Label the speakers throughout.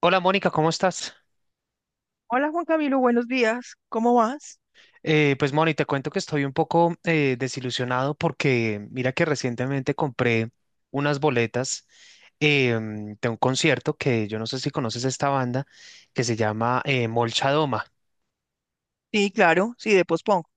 Speaker 1: Hola Mónica, ¿cómo estás?
Speaker 2: Hola Juan Camilo, buenos días. ¿Cómo vas?
Speaker 1: Pues Mónica, te cuento que estoy un poco desilusionado porque mira que recientemente compré unas boletas de un concierto que yo no sé si conoces esta banda que se llama Molchadoma.
Speaker 2: Sí, claro, sí, de pospongo.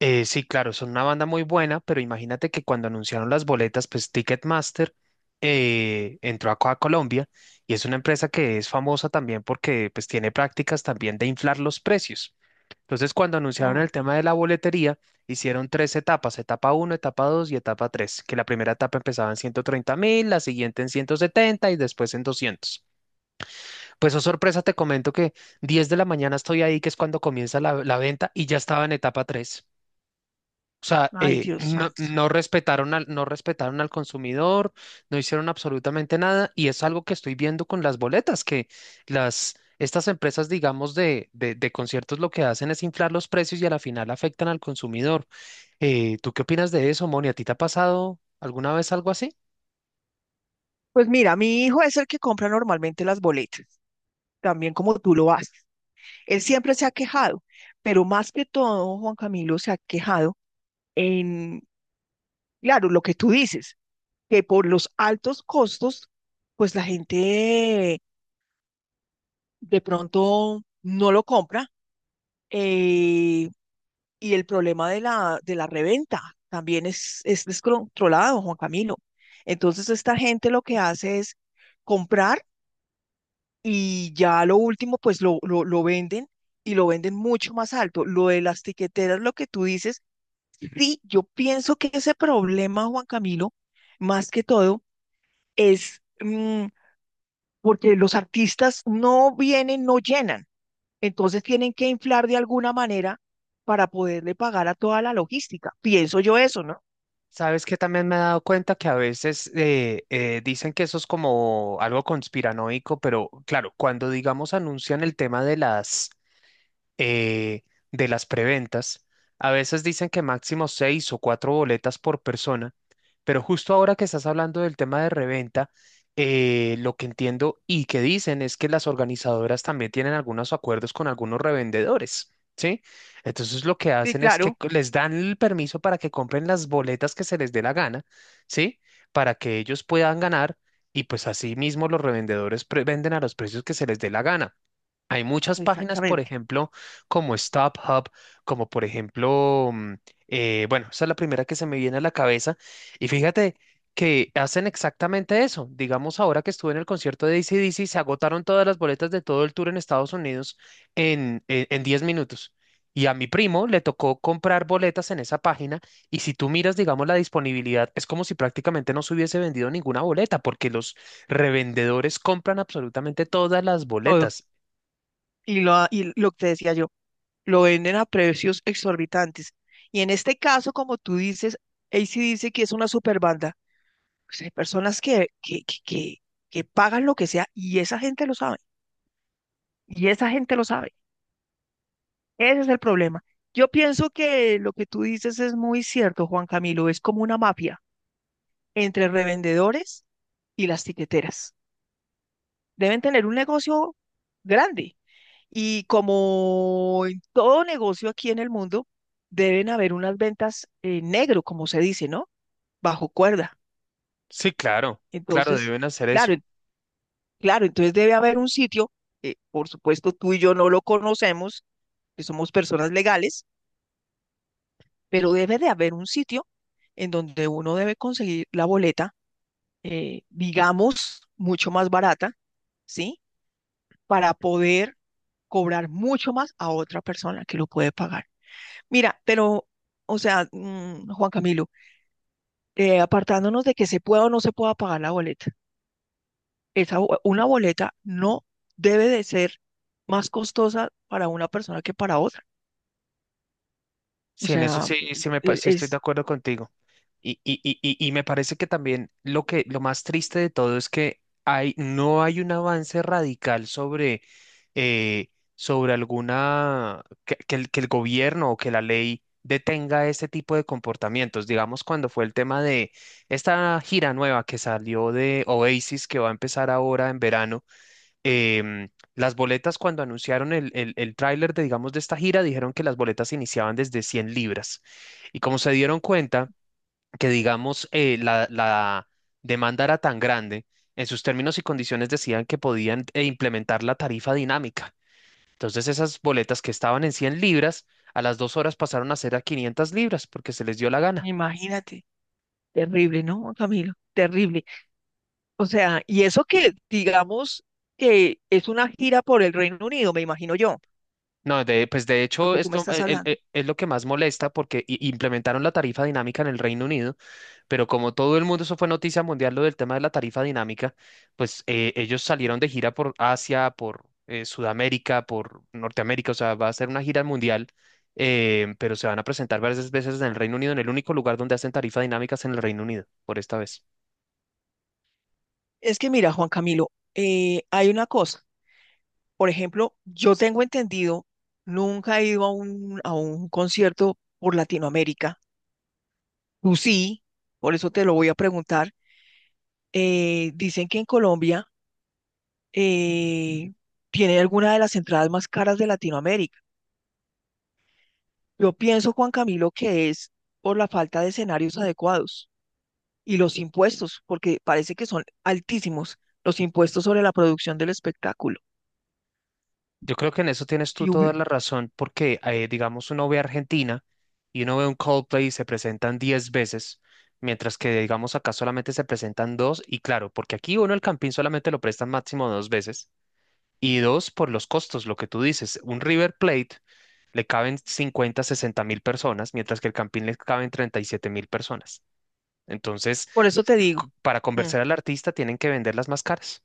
Speaker 1: Sí, claro, son una banda muy buena, pero imagínate que cuando anunciaron las boletas, pues Ticketmaster entró acá a Colombia y es una empresa que es famosa también porque pues tiene prácticas también de inflar los precios. Entonces, cuando anunciaron
Speaker 2: Mm.
Speaker 1: el tema de la boletería, hicieron tres etapas, etapa uno, etapa 2 y etapa tres, que la primera etapa empezaba en 130 mil, la siguiente en 170 y después en 200. Pues, oh sorpresa, te comento que 10 de la mañana estoy ahí, que es cuando comienza la venta, y ya estaba en etapa 3. O sea,
Speaker 2: Ay, Dios
Speaker 1: no,
Speaker 2: santo.
Speaker 1: no respetaron al consumidor, no hicieron absolutamente nada, y es algo que estoy viendo con las boletas, que estas empresas, digamos, de conciertos lo que hacen es inflar los precios y a la final afectan al consumidor. ¿Tú qué opinas de eso, Moni? ¿A ti te ha pasado alguna vez algo así?
Speaker 2: Pues mira, mi hijo es el que compra normalmente las boletas, también como tú lo haces. Él siempre se ha quejado, pero más que todo, Juan Camilo se ha quejado en, claro, lo que tú dices, que por los altos costos, pues la gente de pronto no lo compra. eh, Y el problema de la reventa también es descontrolado, Juan Camilo. Entonces, esta gente lo que hace es comprar y ya lo último, pues lo venden y lo venden mucho más alto. Lo de las tiqueteras, lo que tú dices, sí, yo pienso que ese problema, Juan Camilo, más que todo, es porque los artistas no vienen, no llenan. Entonces tienen que inflar de alguna manera para poderle pagar a toda la logística. Pienso yo eso, ¿no?
Speaker 1: Sabes que también me he dado cuenta que a veces dicen que eso es como algo conspiranoico, pero claro, cuando digamos anuncian el tema de eh, las preventas. A veces dicen que máximo seis o cuatro boletas por persona, pero justo ahora que estás hablando del tema de reventa, lo que entiendo y que dicen es que las organizadoras también tienen algunos acuerdos con algunos revendedores, ¿sí? Entonces lo que
Speaker 2: Sí,
Speaker 1: hacen es que
Speaker 2: claro,
Speaker 1: les dan el permiso para que compren las boletas que se les dé la gana, ¿sí? Para que ellos puedan ganar y pues así mismo los revendedores venden a los precios que se les dé la gana. Hay muchas páginas, por
Speaker 2: exactamente,
Speaker 1: ejemplo, como Stop Hub, como por ejemplo, bueno, esa es la primera que se me viene a la cabeza. Y fíjate que hacen exactamente eso. Digamos, ahora que estuve en el concierto de AC/DC, se agotaron todas las boletas de todo el tour en Estados Unidos en 10 minutos. Y a mi primo le tocó comprar boletas en esa página. Y si tú miras, digamos, la disponibilidad, es como si prácticamente no se hubiese vendido ninguna boleta, porque los revendedores compran absolutamente todas las
Speaker 2: todo.
Speaker 1: boletas.
Speaker 2: Y lo que te decía yo, lo venden a precios exorbitantes. Y en este caso, como tú dices, AC dice que es una super banda. Pues hay personas que pagan lo que sea y esa gente lo sabe. Y esa gente lo sabe. Ese es el problema. Yo pienso que lo que tú dices es muy cierto, Juan Camilo. Es como una mafia entre revendedores y las tiqueteras. Deben tener un negocio grande. Y como en todo negocio aquí en el mundo, deben haber unas ventas en negro, como se dice, ¿no? Bajo cuerda.
Speaker 1: Sí, claro, claro,
Speaker 2: Entonces,
Speaker 1: deben hacer
Speaker 2: claro,
Speaker 1: eso.
Speaker 2: claro, entonces debe haber un sitio, por supuesto tú y yo no lo conocemos, que somos personas legales, pero debe de haber un sitio en donde uno debe conseguir la boleta, digamos, mucho más barata, ¿sí? Para poder cobrar mucho más a otra persona que lo puede pagar. Mira, pero, o sea, Juan Camilo, apartándonos de que se pueda o no se pueda pagar la boleta, una boleta no debe de ser más costosa para una persona que para otra. O
Speaker 1: Sí, en eso
Speaker 2: sea,
Speaker 1: sí, sí, sí estoy de
Speaker 2: es,
Speaker 1: acuerdo contigo. Y me parece que también lo que, lo más triste de todo es que hay, no hay un avance radical sobre, eh, sobre alguna, que el gobierno o que la ley detenga este tipo de comportamientos. Digamos, cuando fue el tema de esta gira nueva que salió de Oasis, que va a empezar ahora en verano. Em, las boletas cuando anunciaron el tráiler de, digamos, de esta gira, dijeron que las boletas iniciaban desde 100 libras. Y como se dieron cuenta que, digamos, la demanda era tan grande, en sus términos y condiciones decían que podían implementar la tarifa dinámica. Entonces esas boletas que estaban en 100 libras, a las 2 horas pasaron a ser a 500 libras porque se les dio la gana.
Speaker 2: imagínate, terrible, ¿no, Juan Camilo? Terrible. O sea, y eso que digamos que es una gira por el Reino Unido, me imagino yo,
Speaker 1: No, pues de
Speaker 2: lo
Speaker 1: hecho
Speaker 2: que tú me
Speaker 1: esto
Speaker 2: estás hablando.
Speaker 1: es lo que más molesta porque implementaron la tarifa dinámica en el Reino Unido. Pero como todo el mundo, eso fue noticia mundial, lo del tema de la tarifa dinámica, pues ellos salieron de gira por Asia, por Sudamérica, por Norteamérica, o sea, va a ser una gira mundial, pero se van a presentar varias veces en el Reino Unido, en el único lugar donde hacen tarifa dinámica es en el Reino Unido, por esta vez.
Speaker 2: Es que mira, Juan Camilo, hay una cosa. Por ejemplo, yo tengo entendido, nunca he ido a un, concierto por Latinoamérica. Tú sí, por eso te lo voy a preguntar. Dicen que en Colombia eh, tiene alguna de las entradas más caras de Latinoamérica. Yo pienso, Juan Camilo, que es por la falta de escenarios adecuados y los impuestos, porque parece que son altísimos los impuestos sobre la producción del espectáculo.
Speaker 1: Yo creo que en eso tienes tú
Speaker 2: Si
Speaker 1: toda
Speaker 2: hubi-
Speaker 1: la razón, porque digamos, uno ve a Argentina y uno ve un Coldplay y se presentan 10 veces, mientras que digamos acá solamente se presentan dos, y claro, porque aquí uno el Campín solamente lo prestan máximo dos veces. Y dos, por los costos, lo que tú dices, un River Plate le caben 50-60 mil personas, mientras que el Campín le caben 37 mil personas. Entonces,
Speaker 2: Por eso te
Speaker 1: c-
Speaker 2: digo.
Speaker 1: para
Speaker 2: Hmm.
Speaker 1: convencer al artista tienen que venderlas más caras.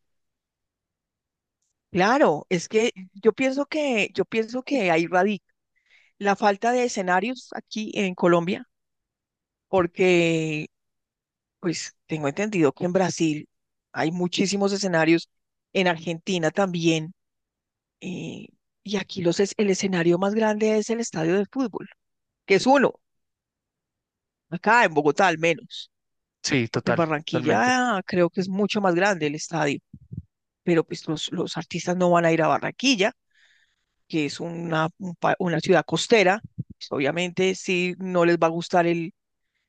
Speaker 2: Claro, es que yo pienso que ahí radica la falta de escenarios aquí en Colombia, porque pues tengo entendido que en Brasil hay muchísimos escenarios, en Argentina también, eh, y aquí el escenario más grande es el estadio de fútbol, que es uno, acá en Bogotá al menos,
Speaker 1: Sí,
Speaker 2: porque en
Speaker 1: total, totalmente.
Speaker 2: Barranquilla creo que es mucho más grande el estadio, pero pues los artistas no van a ir a Barranquilla que es una ciudad costera, pues, obviamente sí no les va a gustar el,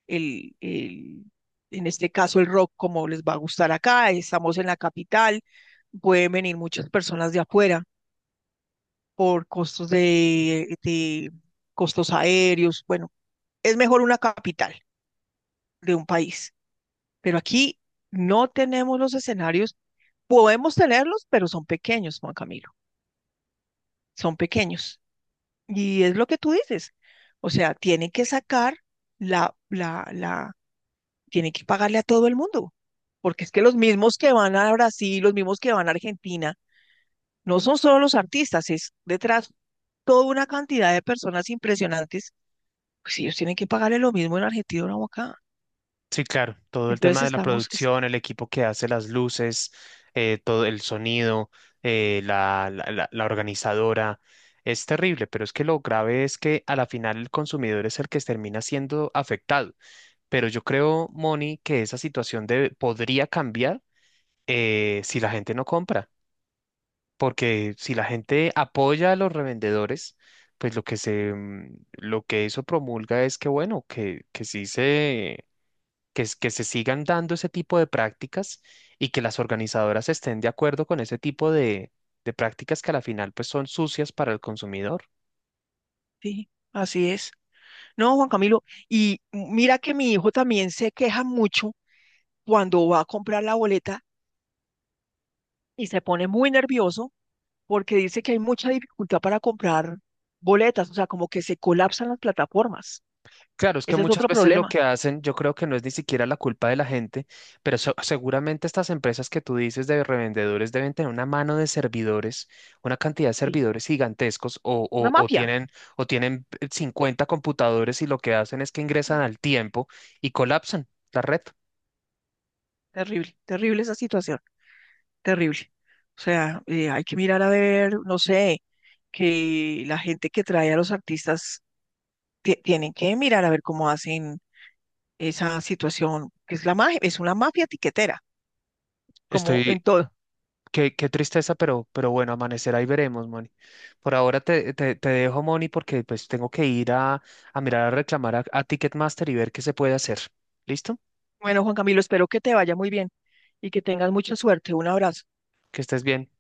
Speaker 2: el, el, en este caso el rock como les va a gustar acá, estamos en la capital, pueden venir muchas personas de afuera por costos de costos aéreos, bueno, es mejor una capital de un país, pero aquí no tenemos los escenarios, podemos tenerlos, pero son pequeños, Juan Camilo, son pequeños. Y es lo que tú dices. O sea, tiene que sacar la, la, la, tiene que pagarle a todo el mundo. Porque es que los mismos que van a Brasil, los mismos que van a Argentina, no son solo los artistas, es detrás toda una cantidad de personas impresionantes. Pues ellos tienen que pagarle lo mismo en Argentina o acá.
Speaker 1: Sí, claro, todo el
Speaker 2: Entonces
Speaker 1: tema de la
Speaker 2: estamos.
Speaker 1: producción, el equipo que hace las luces, todo el sonido, la organizadora, es terrible, pero es que lo grave es que a la final el consumidor es el que termina siendo afectado. Pero yo creo, Moni, que esa situación podría cambiar si la gente no compra, porque si la gente apoya a los revendedores, pues lo que eso promulga es que, bueno, que sí se, que se sigan dando ese tipo de prácticas y que las organizadoras estén de acuerdo con ese tipo de prácticas que a la final pues son sucias para el consumidor.
Speaker 2: Sí, así es. No, Juan Camilo, y mira que mi hijo también se queja mucho cuando va a comprar la boleta y se pone muy nervioso porque dice que hay mucha dificultad para comprar boletas, o sea, como que se colapsan las plataformas.
Speaker 1: Claro, es que
Speaker 2: Ese es
Speaker 1: muchas
Speaker 2: otro
Speaker 1: veces lo
Speaker 2: problema.
Speaker 1: que hacen, yo creo que no es ni siquiera la culpa de la gente, pero seguramente estas empresas que tú dices de revendedores deben tener una mano de servidores, una cantidad de
Speaker 2: Sí.
Speaker 1: servidores gigantescos o,
Speaker 2: Una
Speaker 1: o- o
Speaker 2: mafia.
Speaker 1: tienen, o tienen 50 computadores y lo que hacen es que ingresan
Speaker 2: Mm,
Speaker 1: al tiempo y colapsan la red.
Speaker 2: Terrible, terrible esa situación, terrible. O sea, hay que mirar a ver, no sé, que la gente que trae a los artistas tienen que mirar a ver cómo hacen esa situación, que es la magia, es una mafia tiquetera, como en
Speaker 1: Estoy,
Speaker 2: todo.
Speaker 1: qué tristeza, pero bueno, amanecerá y veremos, Moni. Por ahora te dejo, Moni, porque pues tengo que ir a mirar a reclamar a Ticketmaster y ver qué se puede hacer. ¿Listo?
Speaker 2: Bueno, Juan Camilo, espero que te vaya muy bien y que tengas mucha suerte. Un abrazo.
Speaker 1: Que estés bien.